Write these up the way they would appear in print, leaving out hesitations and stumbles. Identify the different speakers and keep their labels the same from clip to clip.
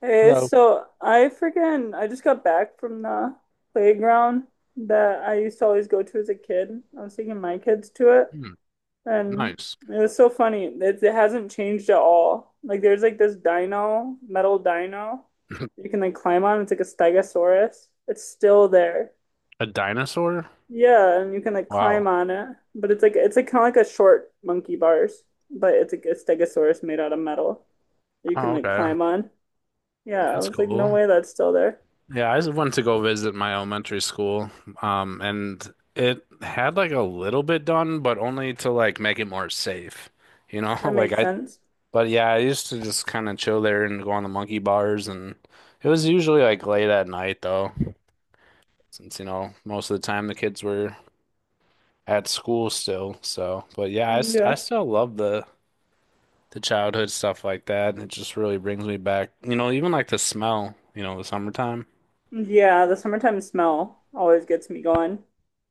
Speaker 1: Hey,
Speaker 2: Hello.
Speaker 1: so I just got back from the playground that I used to always go to as a kid. I was taking my kids to it,
Speaker 2: Hmm,
Speaker 1: and
Speaker 2: nice.
Speaker 1: it was so funny. It hasn't changed at all. Like there's like this dino, metal dino you can like climb on. It's like a stegosaurus. It's still there.
Speaker 2: A dinosaur?
Speaker 1: Yeah, and you can like climb
Speaker 2: Wow.
Speaker 1: on it, but it's like kind of like a short monkey bars, but it's like a stegosaurus made out of metal that you can
Speaker 2: Oh,
Speaker 1: like
Speaker 2: okay.
Speaker 1: climb on. Yeah, I
Speaker 2: That's
Speaker 1: was like, no
Speaker 2: cool.
Speaker 1: way that's still there.
Speaker 2: Yeah, I just went to go visit my elementary school, and it had like a little bit done, but only to like make it more safe, you know?
Speaker 1: That
Speaker 2: Like
Speaker 1: makes
Speaker 2: I,
Speaker 1: sense.
Speaker 2: but yeah, I used to just kind of chill there and go on the monkey bars, and it was usually like late at night though, since you know most of the time the kids were at school still. So, but yeah, I
Speaker 1: Yeah.
Speaker 2: still love the childhood stuff like that. And it just really brings me back, you know, even like the smell, you know, the summertime.
Speaker 1: Yeah, the summertime smell always gets me going.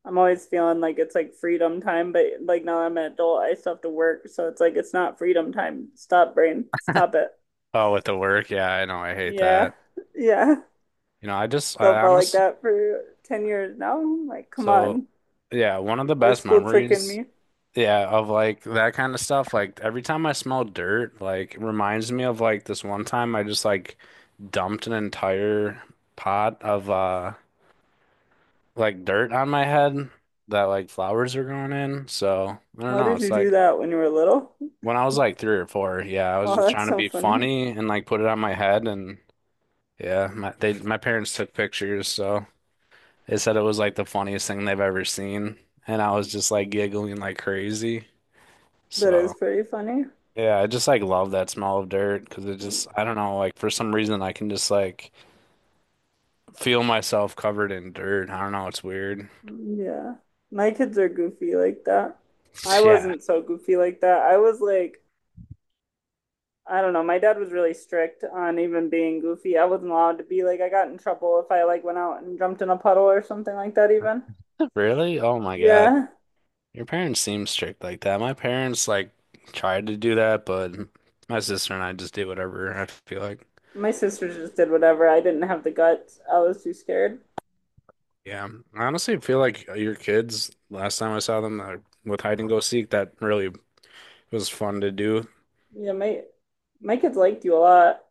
Speaker 1: I'm always feeling like it's like freedom time, but like now that I'm an adult, I still have to work, so it's like it's not freedom time. Stop, brain. Stop it.
Speaker 2: Oh, with the work. Yeah, I know. I hate
Speaker 1: Yeah.
Speaker 2: that.
Speaker 1: Yeah.
Speaker 2: You know,
Speaker 1: So I
Speaker 2: I
Speaker 1: felt like
Speaker 2: honestly,
Speaker 1: that for 10 years now. Like, come
Speaker 2: so
Speaker 1: on.
Speaker 2: yeah, one of the
Speaker 1: Why is
Speaker 2: best
Speaker 1: school tricking
Speaker 2: memories,
Speaker 1: me?
Speaker 2: yeah, of like that kind of stuff. Like every time I smell dirt, like it reminds me of like this one time I just like dumped an entire pot of like dirt on my head that like flowers are growing in. So I don't
Speaker 1: Why
Speaker 2: know.
Speaker 1: did
Speaker 2: It's
Speaker 1: you do
Speaker 2: like,
Speaker 1: that when you were little?
Speaker 2: when I was like three or four, yeah, I
Speaker 1: Oh,
Speaker 2: was just
Speaker 1: that's
Speaker 2: trying to
Speaker 1: so
Speaker 2: be
Speaker 1: funny.
Speaker 2: funny and like put it on my head, and yeah, my parents took pictures, so they said it was like the funniest thing they've ever seen, and I was just like giggling like crazy.
Speaker 1: That is
Speaker 2: So
Speaker 1: pretty funny.
Speaker 2: yeah, I just like love that smell of dirt because it
Speaker 1: Mm.
Speaker 2: just I don't know like for some reason I can just like feel myself covered in dirt. I don't know, it's weird.
Speaker 1: Yeah. My kids are goofy like that. I
Speaker 2: Yeah,
Speaker 1: wasn't so goofy like that. I was like, I don't know, my dad was really strict on even being goofy. I wasn't allowed to be like I got in trouble if I like went out and jumped in a puddle or something like that even.
Speaker 2: really? Oh my God.
Speaker 1: Yeah.
Speaker 2: Your parents seem strict like that. My parents like tried to do that, but my sister and I just did whatever I feel like.
Speaker 1: My sisters just did whatever. I didn't have the guts. I was too scared.
Speaker 2: Yeah, I honestly feel like your kids, last time I saw them with hide and go seek, that really was fun to do.
Speaker 1: Yeah, my kids liked you a lot.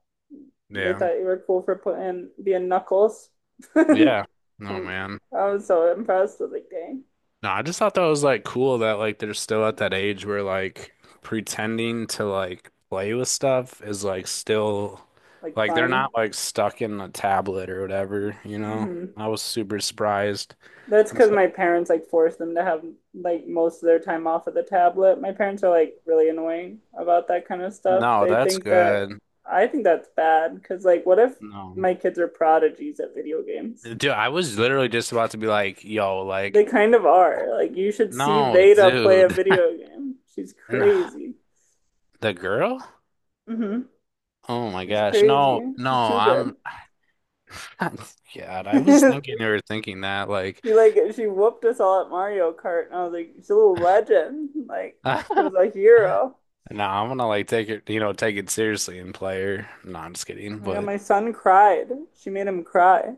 Speaker 1: They
Speaker 2: Yeah.
Speaker 1: thought you were cool for putting being Knuckles.
Speaker 2: Yeah. Oh
Speaker 1: Um,
Speaker 2: man.
Speaker 1: I was so impressed. I was like, dang,
Speaker 2: No, I just thought that was like cool that like they're still at that age where like pretending to like play with stuff is like still
Speaker 1: like
Speaker 2: like they're
Speaker 1: fun.
Speaker 2: not like stuck in a tablet or whatever, you know?
Speaker 1: Hmm.
Speaker 2: I was super surprised.
Speaker 1: That's
Speaker 2: I'm
Speaker 1: because
Speaker 2: so
Speaker 1: my parents like force them to have like most of their time off of the tablet. My parents are like really annoying about that kind of stuff.
Speaker 2: no,
Speaker 1: They
Speaker 2: that's
Speaker 1: think that
Speaker 2: good.
Speaker 1: I think that's bad because like what if
Speaker 2: No.
Speaker 1: my kids are prodigies at video games?
Speaker 2: Dude, I was literally just about to be like, yo,
Speaker 1: They
Speaker 2: like,
Speaker 1: kind of are. Like you should see
Speaker 2: no,
Speaker 1: Veda play a
Speaker 2: dude.
Speaker 1: video game. She's
Speaker 2: No.
Speaker 1: crazy.
Speaker 2: The girl?
Speaker 1: Mm-hmm.
Speaker 2: Oh my
Speaker 1: She's
Speaker 2: gosh.
Speaker 1: crazy.
Speaker 2: No, no,
Speaker 1: She's too
Speaker 2: I'm
Speaker 1: good.
Speaker 2: God, I was thinking you were thinking that like
Speaker 1: She like she whooped us all at Mario Kart, and I was like, she's a little legend. Like this
Speaker 2: no,
Speaker 1: girl's a hero.
Speaker 2: I'm gonna like take it, you know, take it seriously and play her. No, I'm just kidding,
Speaker 1: Oh, yeah,
Speaker 2: but
Speaker 1: my son cried. She made him cry.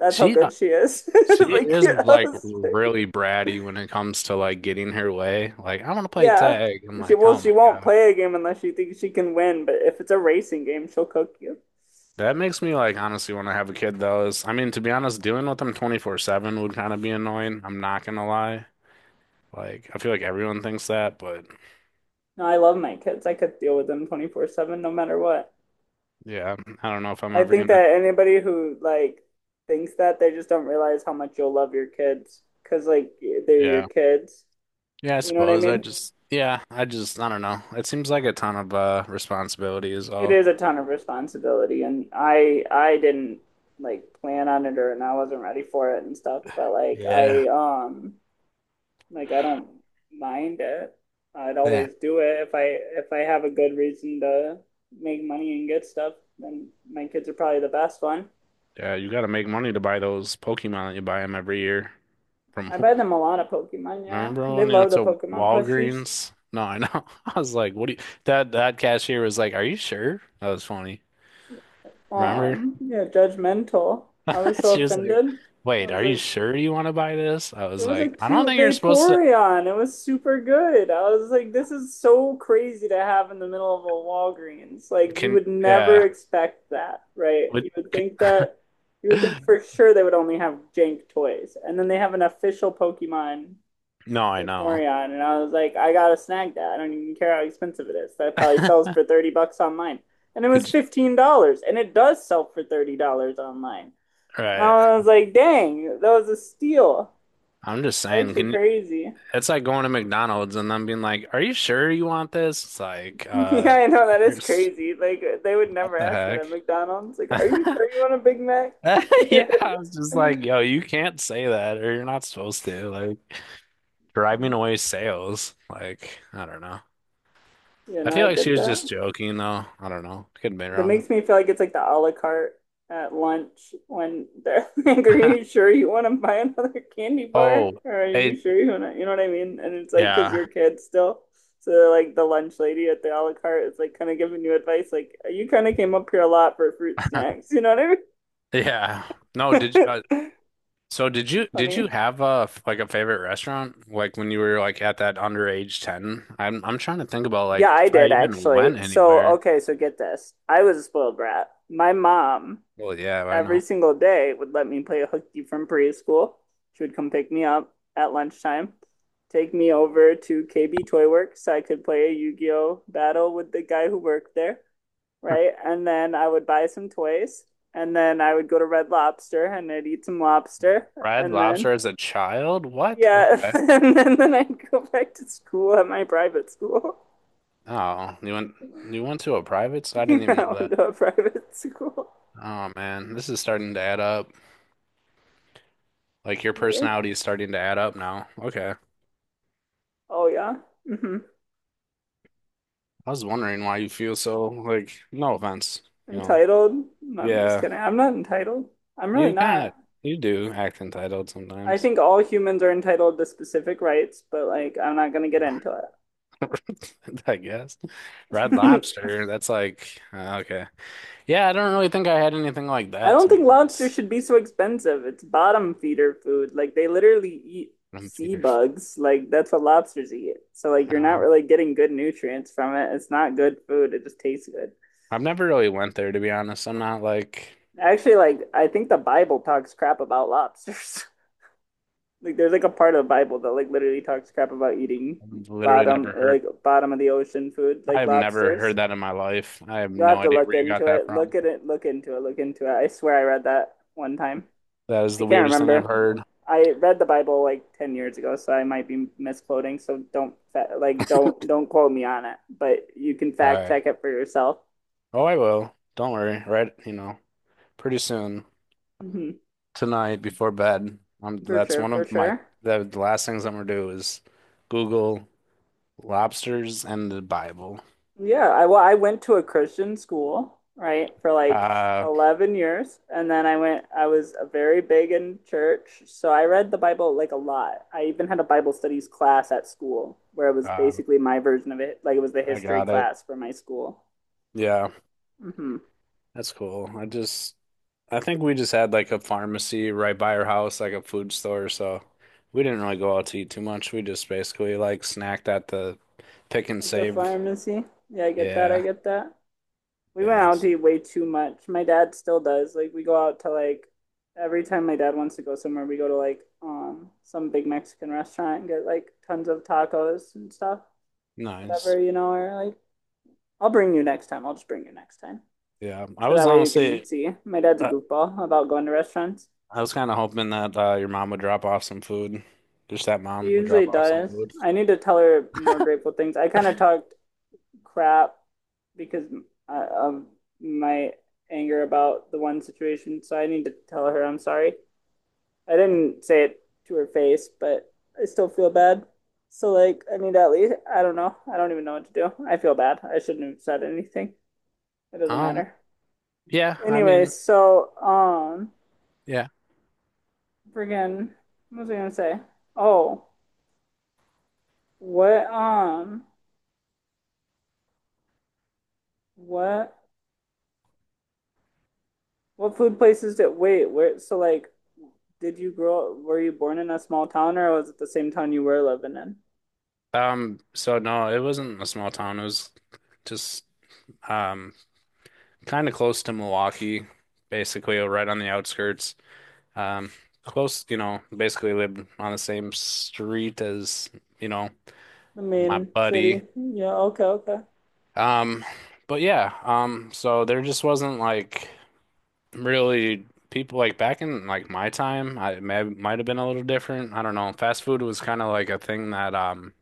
Speaker 1: That's how
Speaker 2: she uh,
Speaker 1: good she is.
Speaker 2: she
Speaker 1: Like,
Speaker 2: is like really bratty when it comes to like getting her way. Like, I want to play
Speaker 1: yeah.
Speaker 2: tag. I'm
Speaker 1: She
Speaker 2: like,
Speaker 1: well,
Speaker 2: oh
Speaker 1: she
Speaker 2: my
Speaker 1: won't
Speaker 2: God.
Speaker 1: play a game unless she thinks she can win, but if it's a racing game, she'll cook you.
Speaker 2: That makes me like honestly want to have a kid though. Is I mean, to be honest, dealing with them 24/7 would kind of be annoying. I'm not gonna lie. Like I feel like everyone thinks that, but
Speaker 1: No, I love my kids. I could deal with them 24/7 no matter what.
Speaker 2: yeah, I don't know if I'm
Speaker 1: I
Speaker 2: ever
Speaker 1: think
Speaker 2: gonna.
Speaker 1: that anybody who like thinks that they just don't realize how much you'll love your kids because like they're your
Speaker 2: Yeah.
Speaker 1: kids.
Speaker 2: Yeah, I
Speaker 1: You know what I
Speaker 2: suppose I
Speaker 1: mean?
Speaker 2: just yeah, I don't know. It seems like a ton of responsibility is
Speaker 1: It
Speaker 2: all.
Speaker 1: is a ton of responsibility, and I didn't like plan on it or and I wasn't ready for it and stuff. But
Speaker 2: Yeah,
Speaker 1: like I don't mind it. I'd
Speaker 2: yeah,
Speaker 1: always do it if I have a good reason to make money and get stuff. Then my kids are probably the best one.
Speaker 2: yeah, you got to make money to buy those Pokemon that you buy them every year from
Speaker 1: I buy them a lot of Pokemon. Yeah,
Speaker 2: remember
Speaker 1: they
Speaker 2: when you went
Speaker 1: love the
Speaker 2: to
Speaker 1: Pokemon plushies.
Speaker 2: Walgreens? No, I know. I was like, what do you that cashier was like, "Are you sure?" That was funny. Remember?
Speaker 1: Yeah, judgmental. I was so
Speaker 2: She was like,
Speaker 1: offended. I
Speaker 2: "Wait,
Speaker 1: was
Speaker 2: are you
Speaker 1: like,
Speaker 2: sure you want to buy this?" I
Speaker 1: it
Speaker 2: was
Speaker 1: was a
Speaker 2: like, "I don't
Speaker 1: cute
Speaker 2: think you're supposed to."
Speaker 1: Vaporeon. It was super good. I was like, this is so crazy to have in the middle of a Walgreens. Like, you
Speaker 2: Can
Speaker 1: would never
Speaker 2: yeah?
Speaker 1: expect that, right?
Speaker 2: Would
Speaker 1: You would
Speaker 2: could,
Speaker 1: think that, you would think for sure they would only have jank toys. And then they have an official Pokemon
Speaker 2: no, I know.
Speaker 1: Vaporeon. And I was like, I gotta snag that. I don't even care how expensive it is. That probably sells for 30 bucks online. And it was
Speaker 2: Could you-
Speaker 1: $15. And it does sell for $30 online. And
Speaker 2: right?
Speaker 1: I was like, dang, that was a steal.
Speaker 2: I'm just saying.
Speaker 1: Actually
Speaker 2: Can you,
Speaker 1: crazy.
Speaker 2: it's like going to McDonald's and them being like, "Are you sure you want this?" It's like,
Speaker 1: Yeah, I know that is
Speaker 2: there's
Speaker 1: crazy. Like they would
Speaker 2: what
Speaker 1: never
Speaker 2: the
Speaker 1: ask that at
Speaker 2: heck?
Speaker 1: McDonald's. Like, are you sure you want a Big Mac?
Speaker 2: Yeah, I was just like, "Yo, you can't say that, or you're not supposed to." Like driving away sales. Like I don't know.
Speaker 1: You
Speaker 2: I
Speaker 1: know,
Speaker 2: feel
Speaker 1: I
Speaker 2: like she
Speaker 1: get
Speaker 2: was
Speaker 1: that.
Speaker 2: just joking, though. I don't know. Could be
Speaker 1: That
Speaker 2: wrong.
Speaker 1: makes me feel like it's like the a la carte at lunch when they're like, are you sure you want to buy another candy bar?
Speaker 2: Oh,
Speaker 1: Or are you
Speaker 2: it,
Speaker 1: sure you want to, you know what I mean? And it's like, because you're
Speaker 2: yeah,
Speaker 1: a kid still. So like the lunch lady at the a la carte is like kind of giving you advice, like you kind of came up here a lot for fruit snacks. You know
Speaker 2: yeah. No,
Speaker 1: what
Speaker 2: did
Speaker 1: I mean?
Speaker 2: so did you
Speaker 1: Funny.
Speaker 2: have a like a favorite restaurant like when you were like at that underage 10? I'm trying to think about
Speaker 1: Yeah,
Speaker 2: like
Speaker 1: I
Speaker 2: if I
Speaker 1: did
Speaker 2: even
Speaker 1: actually.
Speaker 2: went
Speaker 1: So,
Speaker 2: anywhere.
Speaker 1: okay, so get this. I was a spoiled brat. My mom,
Speaker 2: Well, yeah, I
Speaker 1: every
Speaker 2: know.
Speaker 1: single day, would let me play hooky from preschool. She would come pick me up at lunchtime, take me over to KB Toy Works so I could play a Yu-Gi-Oh battle with the guy who worked there, right? And then I would buy some toys, and then I would go to Red Lobster and I'd eat some lobster,
Speaker 2: Red
Speaker 1: and then
Speaker 2: Lobster as a child? What?
Speaker 1: yeah,
Speaker 2: Okay.
Speaker 1: and then I'd go back to school at my private school.
Speaker 2: Oh, you went to a private? So I didn't even
Speaker 1: I
Speaker 2: know
Speaker 1: went
Speaker 2: that.
Speaker 1: to a private school.
Speaker 2: Oh man, this is starting to add up. Like your
Speaker 1: Yeah.
Speaker 2: personality is starting to add up now. Okay.
Speaker 1: Oh yeah. Hmm.
Speaker 2: I was wondering why you feel so like no offense, you know.
Speaker 1: Entitled? No, I'm just
Speaker 2: Yeah.
Speaker 1: kidding. I'm not entitled. I'm really
Speaker 2: You kind
Speaker 1: not.
Speaker 2: of you do act entitled
Speaker 1: I
Speaker 2: sometimes.
Speaker 1: think all humans are entitled to specific rights, but like I'm not gonna get into
Speaker 2: I guess. Red
Speaker 1: it.
Speaker 2: Lobster, that's like okay. Yeah, I don't really think I had anything like
Speaker 1: I
Speaker 2: that
Speaker 1: don't
Speaker 2: to be
Speaker 1: think lobster
Speaker 2: honest.
Speaker 1: should be so expensive. It's bottom feeder food. Like they literally eat
Speaker 2: From
Speaker 1: sea
Speaker 2: Peter.
Speaker 1: bugs. Like that's what lobsters eat. So like you're not
Speaker 2: No.
Speaker 1: really getting good nutrients from it. It's not good food. It just tastes good.
Speaker 2: I've never really went there to be honest. I'm not like
Speaker 1: Actually, like I think the Bible talks crap about lobsters. Like there's like a part of the Bible that like literally talks crap about eating
Speaker 2: I've literally
Speaker 1: bottom
Speaker 2: never heard
Speaker 1: like bottom of the ocean food like
Speaker 2: I've never
Speaker 1: lobsters.
Speaker 2: heard that in my life. I have
Speaker 1: You'll have
Speaker 2: no
Speaker 1: to
Speaker 2: idea
Speaker 1: look
Speaker 2: where you got
Speaker 1: into
Speaker 2: that
Speaker 1: it. Look
Speaker 2: from.
Speaker 1: at it. Look into it. Look into it. I swear I read that one time.
Speaker 2: That is
Speaker 1: I
Speaker 2: the
Speaker 1: can't
Speaker 2: weirdest thing I've
Speaker 1: remember.
Speaker 2: heard.
Speaker 1: I read the Bible like 10 years ago, so I might be misquoting. So don't like don't quote me on it, but you can
Speaker 2: All
Speaker 1: fact
Speaker 2: right.
Speaker 1: check it for yourself.
Speaker 2: Oh, I will. Don't worry. Right, you know, pretty soon.
Speaker 1: Mm-hmm.
Speaker 2: Tonight before bed.
Speaker 1: For
Speaker 2: That's
Speaker 1: sure,
Speaker 2: one
Speaker 1: for
Speaker 2: of my
Speaker 1: sure.
Speaker 2: the last things I'm gonna do is Google lobsters and the Bible.
Speaker 1: Yeah, I well, I went to a Christian school, right, for like
Speaker 2: Uh,
Speaker 1: 11 years, and then I was very big in church, so I read the Bible like a lot. I even had a Bible studies class at school where it was
Speaker 2: uh,
Speaker 1: basically my version of it, like it was the
Speaker 2: I
Speaker 1: history
Speaker 2: got it.
Speaker 1: class for my school.
Speaker 2: Yeah,
Speaker 1: Hmm.
Speaker 2: that's cool. I just I think we just had like a pharmacy right by our house, like a food store, so we didn't really go out to eat too much. We just basically like snacked at the pick and
Speaker 1: At the
Speaker 2: save.
Speaker 1: pharmacy. Yeah, I get that. I
Speaker 2: Yeah,
Speaker 1: get that. We went
Speaker 2: yeah,
Speaker 1: out to eat way too much. My dad still does. Like we go out to like every time my dad wants to go somewhere, we go to like some big Mexican restaurant and get like tons of tacos and stuff,
Speaker 2: nice.
Speaker 1: whatever, you know, or like I'll bring you next time. I'll just bring you next time.
Speaker 2: Yeah, I
Speaker 1: So
Speaker 2: was
Speaker 1: that way you can
Speaker 2: honestly.
Speaker 1: see. My dad's a
Speaker 2: uh,
Speaker 1: goofball about going to restaurants.
Speaker 2: I was kind of hoping that your mom would drop off some food. Just that
Speaker 1: She
Speaker 2: mom would
Speaker 1: usually
Speaker 2: drop off some
Speaker 1: does.
Speaker 2: food.
Speaker 1: I need to tell her more grateful things. I kind of talked crap because of my anger about the one situation. So I need to tell her I'm sorry. I didn't say it to her face, but I still feel bad. So like I need to at least I don't know. I don't even know what to do. I feel bad. I shouldn't have said anything. It doesn't
Speaker 2: Um,
Speaker 1: matter.
Speaker 2: yeah, I
Speaker 1: Anyway,
Speaker 2: mean,
Speaker 1: so
Speaker 2: yeah.
Speaker 1: friggin' what was I gonna say? Oh, what um what what food places did wait, where so like did you grow were you born in a small town or was it the same town you were living in?
Speaker 2: So no, it wasn't a small town. It was just um kind of close to Milwaukee, basically right on the outskirts. Um, close, you know, basically lived on the same street as, you know,
Speaker 1: The
Speaker 2: my
Speaker 1: main
Speaker 2: buddy.
Speaker 1: city. Yeah, okay, okay.
Speaker 2: Um, but yeah, so there just wasn't like really people like back in like my time, I it may might have been a little different. I don't know. Fast food was kind of like a thing that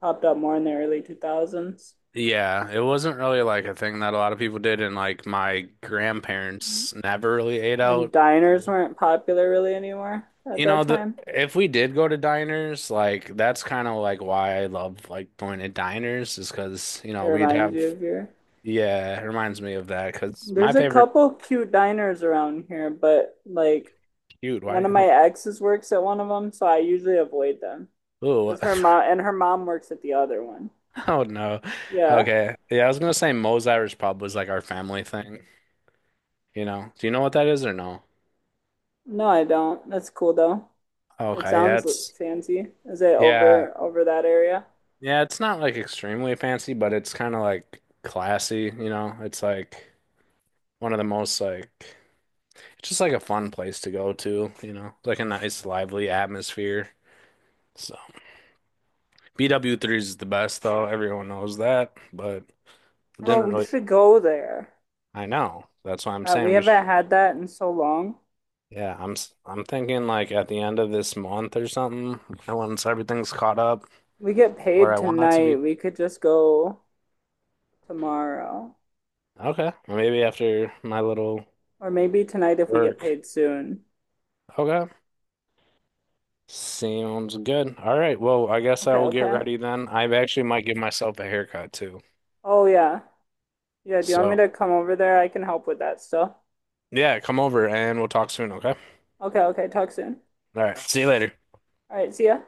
Speaker 1: Popped up more in the early two thousands.
Speaker 2: yeah, it wasn't really like a thing that a lot of people did and like my grandparents never really ate
Speaker 1: And
Speaker 2: out.
Speaker 1: diners weren't popular really anymore at
Speaker 2: You
Speaker 1: that
Speaker 2: know, the
Speaker 1: time.
Speaker 2: if we did go to diners, like that's kind of like why I love like going to diners is because you
Speaker 1: It
Speaker 2: know, we'd
Speaker 1: reminds
Speaker 2: have
Speaker 1: you of your.
Speaker 2: yeah, it reminds me of that. Cause my
Speaker 1: There's a
Speaker 2: favorite
Speaker 1: couple cute diners around here, but like
Speaker 2: cute, why do
Speaker 1: one
Speaker 2: you
Speaker 1: of my
Speaker 2: okay.
Speaker 1: exes works at one of them, so I usually avoid them.
Speaker 2: Ooh,
Speaker 1: Because her mom and her mom works at the other one.
Speaker 2: oh no.
Speaker 1: Yeah.
Speaker 2: Okay. Yeah, I was gonna say Moe's Irish Pub was like our family thing. You know? Do you know what that is or no?
Speaker 1: No, I don't. That's cool though. It
Speaker 2: Okay, yeah,
Speaker 1: sounds
Speaker 2: it's
Speaker 1: fancy. Is it
Speaker 2: yeah.
Speaker 1: over that area?
Speaker 2: Yeah, it's not like extremely fancy, but it's kind of like classy, you know? It's like one of the most like it's just like a fun place to go to, you know? Like a nice lively atmosphere. So BW3 is the best though. Everyone knows that, but
Speaker 1: Bro,
Speaker 2: didn't
Speaker 1: we
Speaker 2: really
Speaker 1: should go there.
Speaker 2: I know. That's why I'm
Speaker 1: We
Speaker 2: saying we
Speaker 1: haven't
Speaker 2: should
Speaker 1: had that in so long.
Speaker 2: yeah, I'm thinking like at the end of this month or something, once everything's caught up
Speaker 1: We get
Speaker 2: where
Speaker 1: paid
Speaker 2: I want it to
Speaker 1: tonight.
Speaker 2: be.
Speaker 1: We could just go tomorrow.
Speaker 2: Okay, maybe after my little
Speaker 1: Or maybe tonight if we get
Speaker 2: work.
Speaker 1: paid soon.
Speaker 2: Okay, sounds good. All right, well, I guess I
Speaker 1: Okay,
Speaker 2: will get
Speaker 1: okay.
Speaker 2: ready then. I actually might give myself a haircut too.
Speaker 1: Oh, yeah. Yeah, do you want me
Speaker 2: So,
Speaker 1: to come over there? I can help with that still.
Speaker 2: yeah, come over and we'll talk soon, okay?
Speaker 1: Okay, okay. Talk soon.
Speaker 2: All right, see you later.
Speaker 1: All right, see ya.